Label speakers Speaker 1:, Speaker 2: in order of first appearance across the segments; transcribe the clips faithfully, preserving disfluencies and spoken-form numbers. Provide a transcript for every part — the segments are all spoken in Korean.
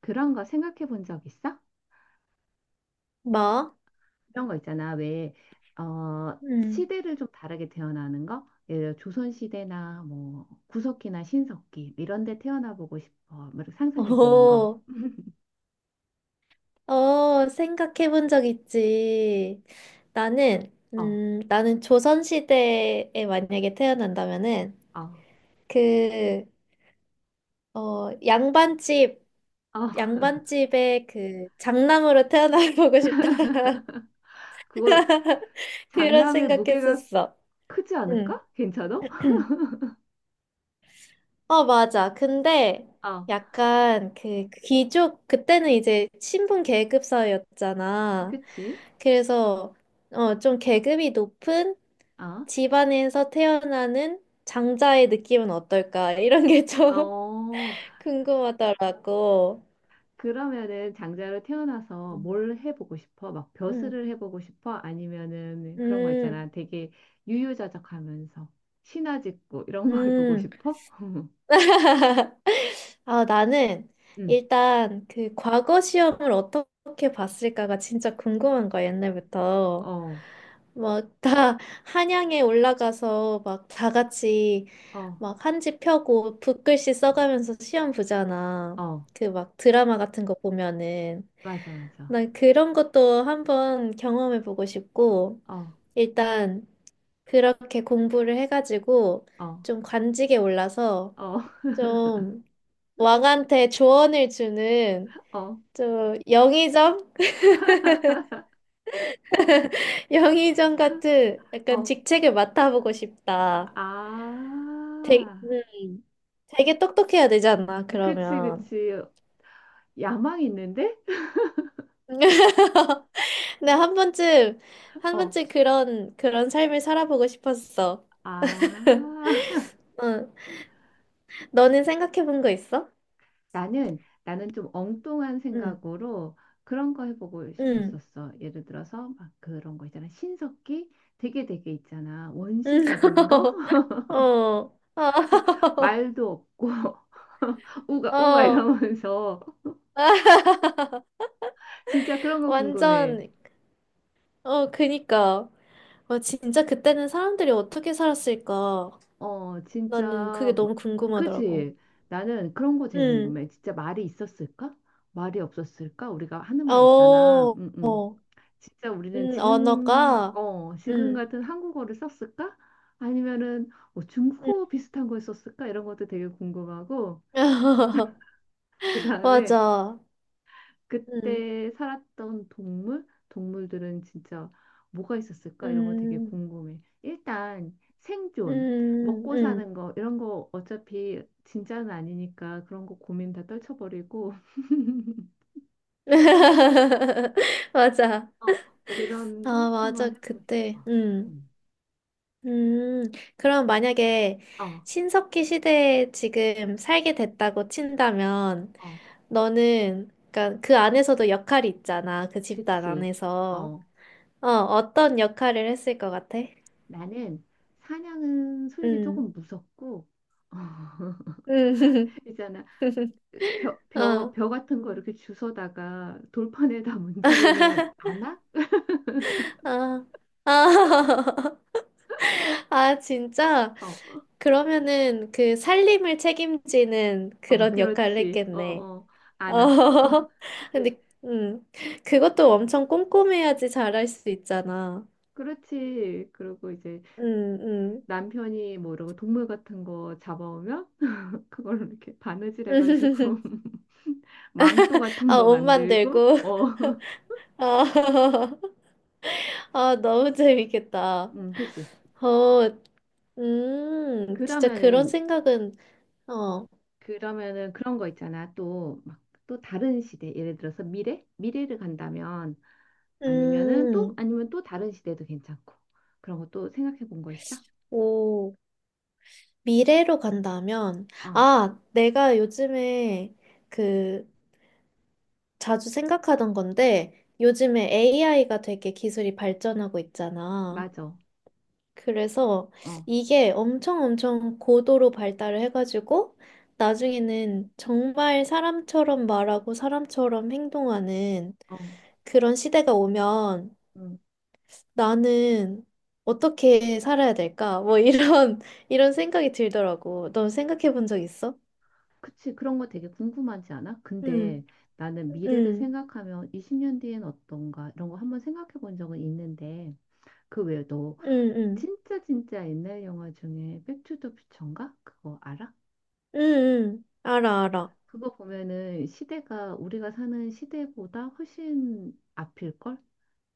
Speaker 1: 그런 거 생각해 본 적 있어?
Speaker 2: 뭐?
Speaker 1: 그런 거 있잖아. 왜, 어,
Speaker 2: 음.
Speaker 1: 시대를 좀 다르게 태어나는 거? 예를 들어 조선시대나 뭐 구석기나 신석기 뭐 이런 데 태어나 보고 싶어. 뭐 상상해 보는 거.
Speaker 2: 오, 어, 생각해 본 적 있지. 나는,
Speaker 1: 어,
Speaker 2: 음, 나는 조선시대에 만약에 태어난다면은,
Speaker 1: 어,
Speaker 2: 그, 어, 양반집,
Speaker 1: 어.
Speaker 2: 양반집에 그 장남으로 태어나보고 싶다.
Speaker 1: 그거
Speaker 2: 그런
Speaker 1: 장남의 무게가
Speaker 2: 생각했었어.
Speaker 1: 크지
Speaker 2: 응.
Speaker 1: 않을까? 괜찮아?
Speaker 2: 어, 맞아. 근데
Speaker 1: 어,
Speaker 2: 약간 그 귀족, 그때는 이제 신분 계급 사회였잖아.
Speaker 1: 그치?
Speaker 2: 그래서 어, 좀 계급이 높은
Speaker 1: 어,
Speaker 2: 집안에서 태어나는 장자의 느낌은 어떨까? 이런 게 좀
Speaker 1: 어.
Speaker 2: 궁금하더라고.
Speaker 1: 그러면은 장자로 태어나서 뭘 해보고 싶어? 막
Speaker 2: 음,
Speaker 1: 벼슬을 해보고 싶어? 아니면은 그런 거
Speaker 2: 음,
Speaker 1: 있잖아. 되게 유유자적하면서 신화 짓고 이런 거 해보고
Speaker 2: 음.
Speaker 1: 싶어?
Speaker 2: 아, 나는
Speaker 1: 응.
Speaker 2: 일단 그 과거 시험을 어떻게 봤을까가 진짜 궁금한 거야, 옛날부터.
Speaker 1: 어,
Speaker 2: 막 다 한양에 올라가서 막 다 같이
Speaker 1: 어,
Speaker 2: 막 한지 펴고 붓글씨 써가면서 시험 보잖아.
Speaker 1: 어.
Speaker 2: 그 막 드라마 같은 거 보면은.
Speaker 1: 맞아, 맞아.
Speaker 2: 난 그런 것도 한번 경험해 보고 싶고,
Speaker 1: 어,
Speaker 2: 일단 그렇게 공부를 해가지고
Speaker 1: 어,
Speaker 2: 좀 관직에 올라서
Speaker 1: 어,
Speaker 2: 좀 왕한테 조언을 주는
Speaker 1: 어,
Speaker 2: 좀 영의정? 영의정 같은 약간
Speaker 1: 어.
Speaker 2: 직책을 맡아보고 싶다. 되게,
Speaker 1: 아,
Speaker 2: 음, 되게 똑똑해야 되잖아,
Speaker 1: 그치,
Speaker 2: 그러면.
Speaker 1: 그치. 야망이 있는데?
Speaker 2: 근데 한 번쯤, 한
Speaker 1: 어,
Speaker 2: 번쯤 그런, 그런 삶을 살아보고 싶었어.
Speaker 1: 아.
Speaker 2: 응. 너는 생각해 본 거 있어?
Speaker 1: 나는 나는 좀 엉뚱한
Speaker 2: 응,
Speaker 1: 생각으로 그런 거 해보고
Speaker 2: 응,
Speaker 1: 싶었었어. 예를 들어서 막 그런 거 있잖아. 신석기 되게 되게 있잖아.
Speaker 2: 응.
Speaker 1: 원시적인 거?
Speaker 2: 어, 어,
Speaker 1: 그 말도 없고 우가 우가
Speaker 2: 어.
Speaker 1: 이러면서 진짜 그런 거 궁금해.
Speaker 2: 완전, 어, 그니까. 와, 진짜 그때는 사람들이 어떻게 살았을까?
Speaker 1: 어, 진짜.
Speaker 2: 나는 그게
Speaker 1: 마-
Speaker 2: 너무 궁금하더라고.
Speaker 1: 그치? 나는 그런 거 제일
Speaker 2: 응.
Speaker 1: 궁금해. 진짜 말이 있었을까? 말이 없었을까? 우리가 하는 말 있잖아.
Speaker 2: 어,
Speaker 1: 응응.
Speaker 2: 어.
Speaker 1: 진짜 우리는
Speaker 2: 음,
Speaker 1: 지금
Speaker 2: 언어가,
Speaker 1: 어 지금
Speaker 2: 음,
Speaker 1: 같은 한국어를 썼을까? 아니면은 뭐
Speaker 2: 음.
Speaker 1: 중국어 비슷한 걸 썼을까? 이런 것도 되게 궁금하고, 그다음에
Speaker 2: 맞아. 음,
Speaker 1: 그때 살았던 동물 동물들은 진짜 뭐가 있었을까? 이런 거 되게
Speaker 2: 음,
Speaker 1: 궁금해. 일단 생존,
Speaker 2: 음,
Speaker 1: 먹고
Speaker 2: 음.
Speaker 1: 사는 거 이런 거 어차피 진짜는 아니니까 그런 거 고민 다 떨쳐버리고
Speaker 2: 맞아.
Speaker 1: 어 그런 거
Speaker 2: 아,
Speaker 1: 한번
Speaker 2: 맞아.
Speaker 1: 해보고
Speaker 2: 그때,
Speaker 1: 싶어.
Speaker 2: 음,
Speaker 1: 음.
Speaker 2: 음. 그럼 만약에
Speaker 1: 어,
Speaker 2: 신석기 시대에 지금 살게 됐다고 친다면,
Speaker 1: 어,
Speaker 2: 너는, 그러니까 그 안에서도 역할이 있잖아. 그 집단
Speaker 1: 그치.
Speaker 2: 안에서.
Speaker 1: 어.
Speaker 2: 어, 어떤 역할을 했을 것 같아?
Speaker 1: 나는 사냥은 솔직히
Speaker 2: 음,
Speaker 1: 조금 무섭고
Speaker 2: 음,
Speaker 1: 있잖아, 벼, 벼,
Speaker 2: 어.
Speaker 1: 벼 같은 거 이렇게 주워다가 돌판에다 문지르는 안악?
Speaker 2: 아, 아, 아, 진짜?
Speaker 1: 어,
Speaker 2: 그러면은 그 살림을 책임지는
Speaker 1: 어,
Speaker 2: 그런 역할을
Speaker 1: 그렇지. 어,
Speaker 2: 했겠네.
Speaker 1: 어,
Speaker 2: 어,
Speaker 1: 안악. 어, 네.
Speaker 2: 근데, 음, 그것도 엄청 꼼꼼해야지 잘할 수 있잖아.
Speaker 1: 그렇지. 그리고 이제
Speaker 2: 음, 음.
Speaker 1: 남편이 뭐 이러고 동물 같은 거 잡아오면 그걸로 이렇게 바느질 해가지고 망토 같은
Speaker 2: 아,
Speaker 1: 거
Speaker 2: 옷
Speaker 1: 만들고,
Speaker 2: 만들고.
Speaker 1: 어.
Speaker 2: 아, 아, 너무 재밌겠다.
Speaker 1: 음, 그치.
Speaker 2: 어, 음, 진짜 그런
Speaker 1: 그러면은
Speaker 2: 생각은, 어,
Speaker 1: 그러면은 그런 거 있잖아. 또 막 또 다른 시대, 예를 들어서 미래, 미래를 간다면, 아니면은 또
Speaker 2: 음,
Speaker 1: 아니면 또 다른 시대도 괜찮고, 그런 거 또 생각해 본 거 있어?
Speaker 2: 오. 미래로 간다면,
Speaker 1: 어,
Speaker 2: 아, 내가 요즘에 그 자주 생각하던 건데, 요즘에 에이아이가 되게 기술이 발전하고 있잖아.
Speaker 1: 맞아.
Speaker 2: 그래서
Speaker 1: 어,
Speaker 2: 이게 엄청 엄청 고도로 발달을 해가지고, 나중에는 정말 사람처럼 말하고 사람처럼 행동하는
Speaker 1: 어,
Speaker 2: 그런 시대가 오면
Speaker 1: 응.
Speaker 2: 나는 어떻게 살아야 될까? 뭐 이런, 이런 생각이 들더라고. 너 생각해 본 적 있어?
Speaker 1: 그치. 그런 거 되게 궁금하지 않아? 근데
Speaker 2: 응.
Speaker 1: 나는 미래를
Speaker 2: 응,
Speaker 1: 생각하면 이십 년 뒤엔 어떤가 이런 거 한번 생각해 본 적은 있는데 그 외에도
Speaker 2: 응, 응,
Speaker 1: 진짜 진짜 옛날 영화 중에 백투더 퓨처인가? 그거 알아?
Speaker 2: 응, 응, 알아, 알아.
Speaker 1: 그거 보면은 시대가 우리가 사는 시대보다 훨씬 앞일걸?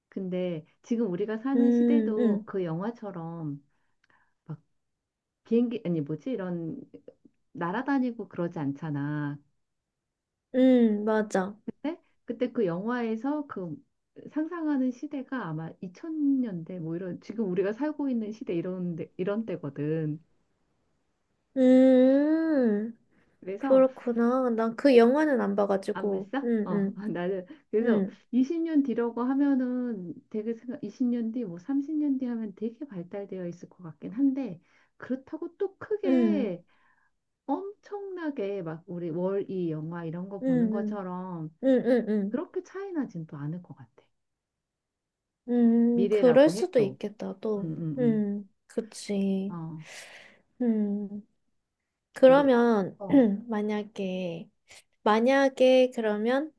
Speaker 1: 근데 지금 우리가 사는
Speaker 2: 응,
Speaker 1: 시대도
Speaker 2: 응,
Speaker 1: 그 영화처럼 막 비행기, 아니 뭐지? 이런 날아다니고 그러지 않잖아.
Speaker 2: 응, 맞아.
Speaker 1: 근데 그때 그 영화에서 그 상상하는 시대가 아마 이천 년대 뭐 이런 지금 우리가 살고 있는 시대 이런 데, 이런 때거든.
Speaker 2: 음,
Speaker 1: 그래서
Speaker 2: 그렇구나. 난 그 영화는 안
Speaker 1: 안
Speaker 2: 봐가지고.
Speaker 1: 봤어?
Speaker 2: 응,
Speaker 1: 어,
Speaker 2: 응,
Speaker 1: 나는 그래서
Speaker 2: 응,
Speaker 1: 이십 년 뒤라고 하면은 되게 생각 이십 년 뒤, 뭐 삼십 년 뒤 하면 되게 발달되어 있을 것 같긴 한데, 그렇다고 또
Speaker 2: 응,
Speaker 1: 크게 엄청나게 막 우리 월이 영화 이런 거
Speaker 2: 응,
Speaker 1: 보는
Speaker 2: 응,
Speaker 1: 것처럼
Speaker 2: 응, 응, 응.
Speaker 1: 그렇게 차이 나진 또 않을 것 같아.
Speaker 2: 음, 그럴
Speaker 1: 미래라고
Speaker 2: 수도
Speaker 1: 해도.
Speaker 2: 있겠다, 또.
Speaker 1: 응, 응, 응.
Speaker 2: 음, 그치.
Speaker 1: 어,
Speaker 2: 음,
Speaker 1: 왜?
Speaker 2: 그러면,
Speaker 1: 어,
Speaker 2: 만약에, 만약에, 그러면,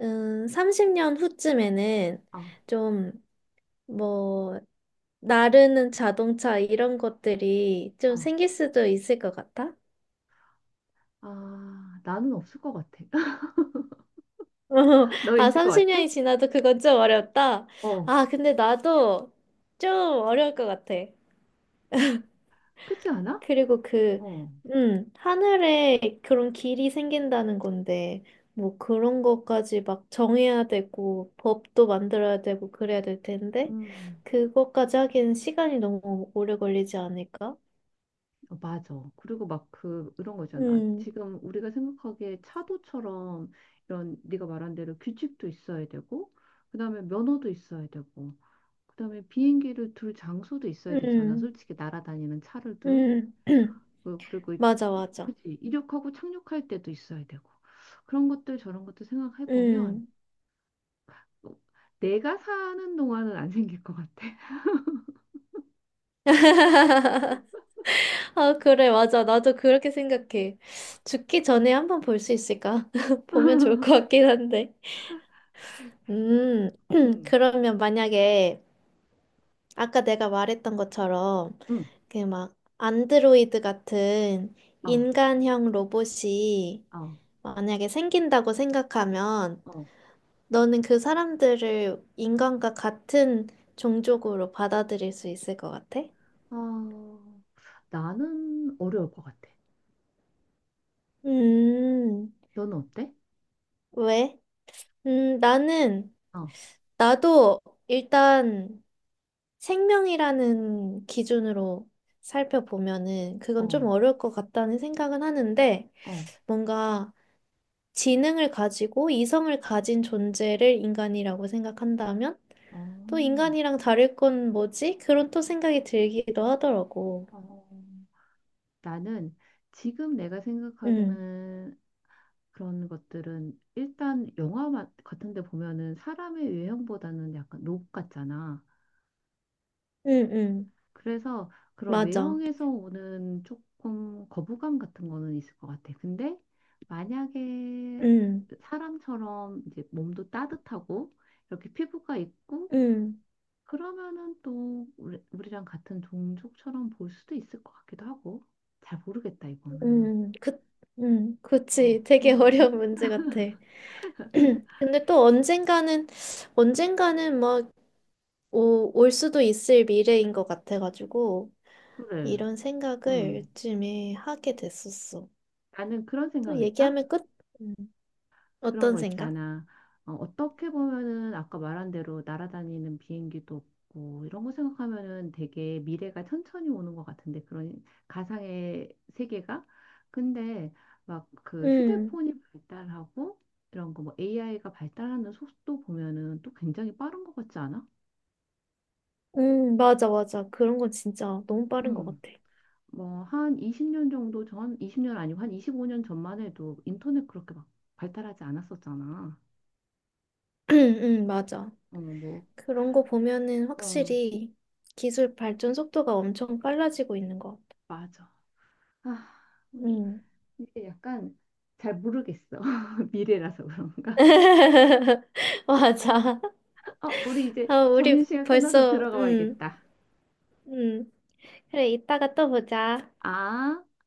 Speaker 2: 음, 삼십 년 후쯤에는
Speaker 1: 어,
Speaker 2: 좀, 뭐, 나르는 자동차 이런 것들이 좀
Speaker 1: 어.
Speaker 2: 생길 수도 있을 것 같아?
Speaker 1: 아, 나는 없을 것 같아. 너
Speaker 2: 아,
Speaker 1: 있을 것 같아?
Speaker 2: 삼십 년이 지나도 그건 좀 어렵다.
Speaker 1: 어,
Speaker 2: 아, 근데 나도 좀 어려울 것 같아.
Speaker 1: 그렇지 않아?
Speaker 2: 그리고 그,
Speaker 1: 어,
Speaker 2: 음, 하늘에 그런 길이 생긴다는 건데, 뭐 그런 것까지 막 정해야 되고, 법도 만들어야 되고, 그래야 될 텐데,
Speaker 1: 음.
Speaker 2: 그것까지 하기엔 시간이 너무 오래 걸리지 않을까?
Speaker 1: 어, 맞아. 그리고 막 그, 이런 거잖아.
Speaker 2: 음,
Speaker 1: 지금 우리가 생각하기에 차도처럼 이런 네가 말한 대로 규칙도 있어야 되고, 그다음에 면허도 있어야 되고, 그다음에 비행기를 둘 장소도 있어야 되잖아.
Speaker 2: 음,
Speaker 1: 솔직히 날아다니는 차를 둘.
Speaker 2: 음.
Speaker 1: 그- 그리고, 이제-
Speaker 2: 맞아, 맞아.
Speaker 1: 그치. 이륙하고 착륙할 때도 있어야 되고. 그런 것들 저런 것도 생각해 보면,
Speaker 2: 음.
Speaker 1: 어, 내가 사는 동안은 안 생길 것 같아.
Speaker 2: 아, 그래, 맞아. 나도 그렇게 생각해. 죽기 전에 한번 볼 수 있을까? 보면 좋을 것 같긴 한데. 음,
Speaker 1: 응,
Speaker 2: 그러면 만약에 아까 내가 말했던 것처럼
Speaker 1: 응,
Speaker 2: 그 막 안드로이드 같은
Speaker 1: 어,
Speaker 2: 인간형 로봇이
Speaker 1: 어,
Speaker 2: 만약에 생긴다고 생각하면
Speaker 1: 어.
Speaker 2: 너는 그 사람들을 인간과 같은 종족으로 받아들일 수 있을 것 같아?
Speaker 1: 아, 나는 어려울 것 같아.
Speaker 2: 음,
Speaker 1: 너는 어때?
Speaker 2: 왜? 음, 나는,
Speaker 1: 어,
Speaker 2: 나도 일단 생명이라는 기준으로 살펴보면은 그건 좀
Speaker 1: 어,
Speaker 2: 어려울 것 같다는 생각은 하는데
Speaker 1: 어,
Speaker 2: 뭔가 지능을 가지고 이성을 가진 존재를 인간이라고 생각한다면 또
Speaker 1: 어,
Speaker 2: 인간이랑 다를 건 뭐지? 그런 또 생각이 들기도 하더라고.
Speaker 1: 어. 나는 지금 내가
Speaker 2: 음,
Speaker 1: 생각하기는 그런 것들은 일단 영화 마- 같은 데 보면은 사람의 외형보다는 약간 로봇 같잖아.
Speaker 2: 음, 음,
Speaker 1: 그래서 그런
Speaker 2: 맞아.
Speaker 1: 외형에서 오는 조금 거부감 같은 거는 있을 것 같아. 근데 만약에
Speaker 2: 음,
Speaker 1: 사람처럼 이제 몸도 따뜻하고 이렇게 피부가 있고
Speaker 2: 음,
Speaker 1: 그러면은 또 우리, 우리랑 같은 종족처럼 볼 수도 있을 것 같기도 하고 잘 모르겠다 이거는.
Speaker 2: 음, 그, 음,
Speaker 1: 어,
Speaker 2: 그치.
Speaker 1: 음,
Speaker 2: 되게
Speaker 1: 음,
Speaker 2: 어려운
Speaker 1: 음.
Speaker 2: 문제 같아. 근데 또 언젠가는 언젠가는 막 올 수도 있을 미래인 것 같아가지고
Speaker 1: 그래.
Speaker 2: 이런 생각을
Speaker 1: 음.
Speaker 2: 요즘에 하게 됐었어.
Speaker 1: 나는 그런
Speaker 2: 또
Speaker 1: 생각했다.
Speaker 2: 얘기하면 끝. 음,
Speaker 1: 그런
Speaker 2: 어떤
Speaker 1: 거
Speaker 2: 생각?
Speaker 1: 있잖아. 어, 어떻게 보면은 아까 말한 대로 날아다니는 비행기도 없고 이런 거 생각하면은 되게 미래가 천천히 오는 것 같은데 그런 가상의 세계가 근데 막 그
Speaker 2: 음,
Speaker 1: 휴대폰이 발달하고 이런 거 뭐 에이아이가 발달하는 속도 보면은 또 굉장히 빠른 것 같지 않아?
Speaker 2: 음, 맞아, 맞아. 그런 건 진짜 너무 빠른 것
Speaker 1: 음.
Speaker 2: 같아.
Speaker 1: 뭐 한 이십 년 정도 전, 이십 년 아니고 한 이십오 년 전만 해도 인터넷 그렇게 막 발달하지 않았었잖아.
Speaker 2: 음, 음, 맞아.
Speaker 1: 어, 뭐,
Speaker 2: 그런 거 보면은
Speaker 1: 어,
Speaker 2: 확실히 기술 발전 속도가 엄청 빨라지고 있는 것 같아.
Speaker 1: 맞아. 아, 음.
Speaker 2: 음.
Speaker 1: 이게 약간 잘 모르겠어. 미래라서 그런가?
Speaker 2: 맞아.
Speaker 1: 어, 우리 이제
Speaker 2: 아, 우리
Speaker 1: 점심시간 끝나서
Speaker 2: 벌써,
Speaker 1: 들어가
Speaker 2: 음,
Speaker 1: 봐야겠다.
Speaker 2: 음. 그래, 이따가 또 보자.
Speaker 1: 아.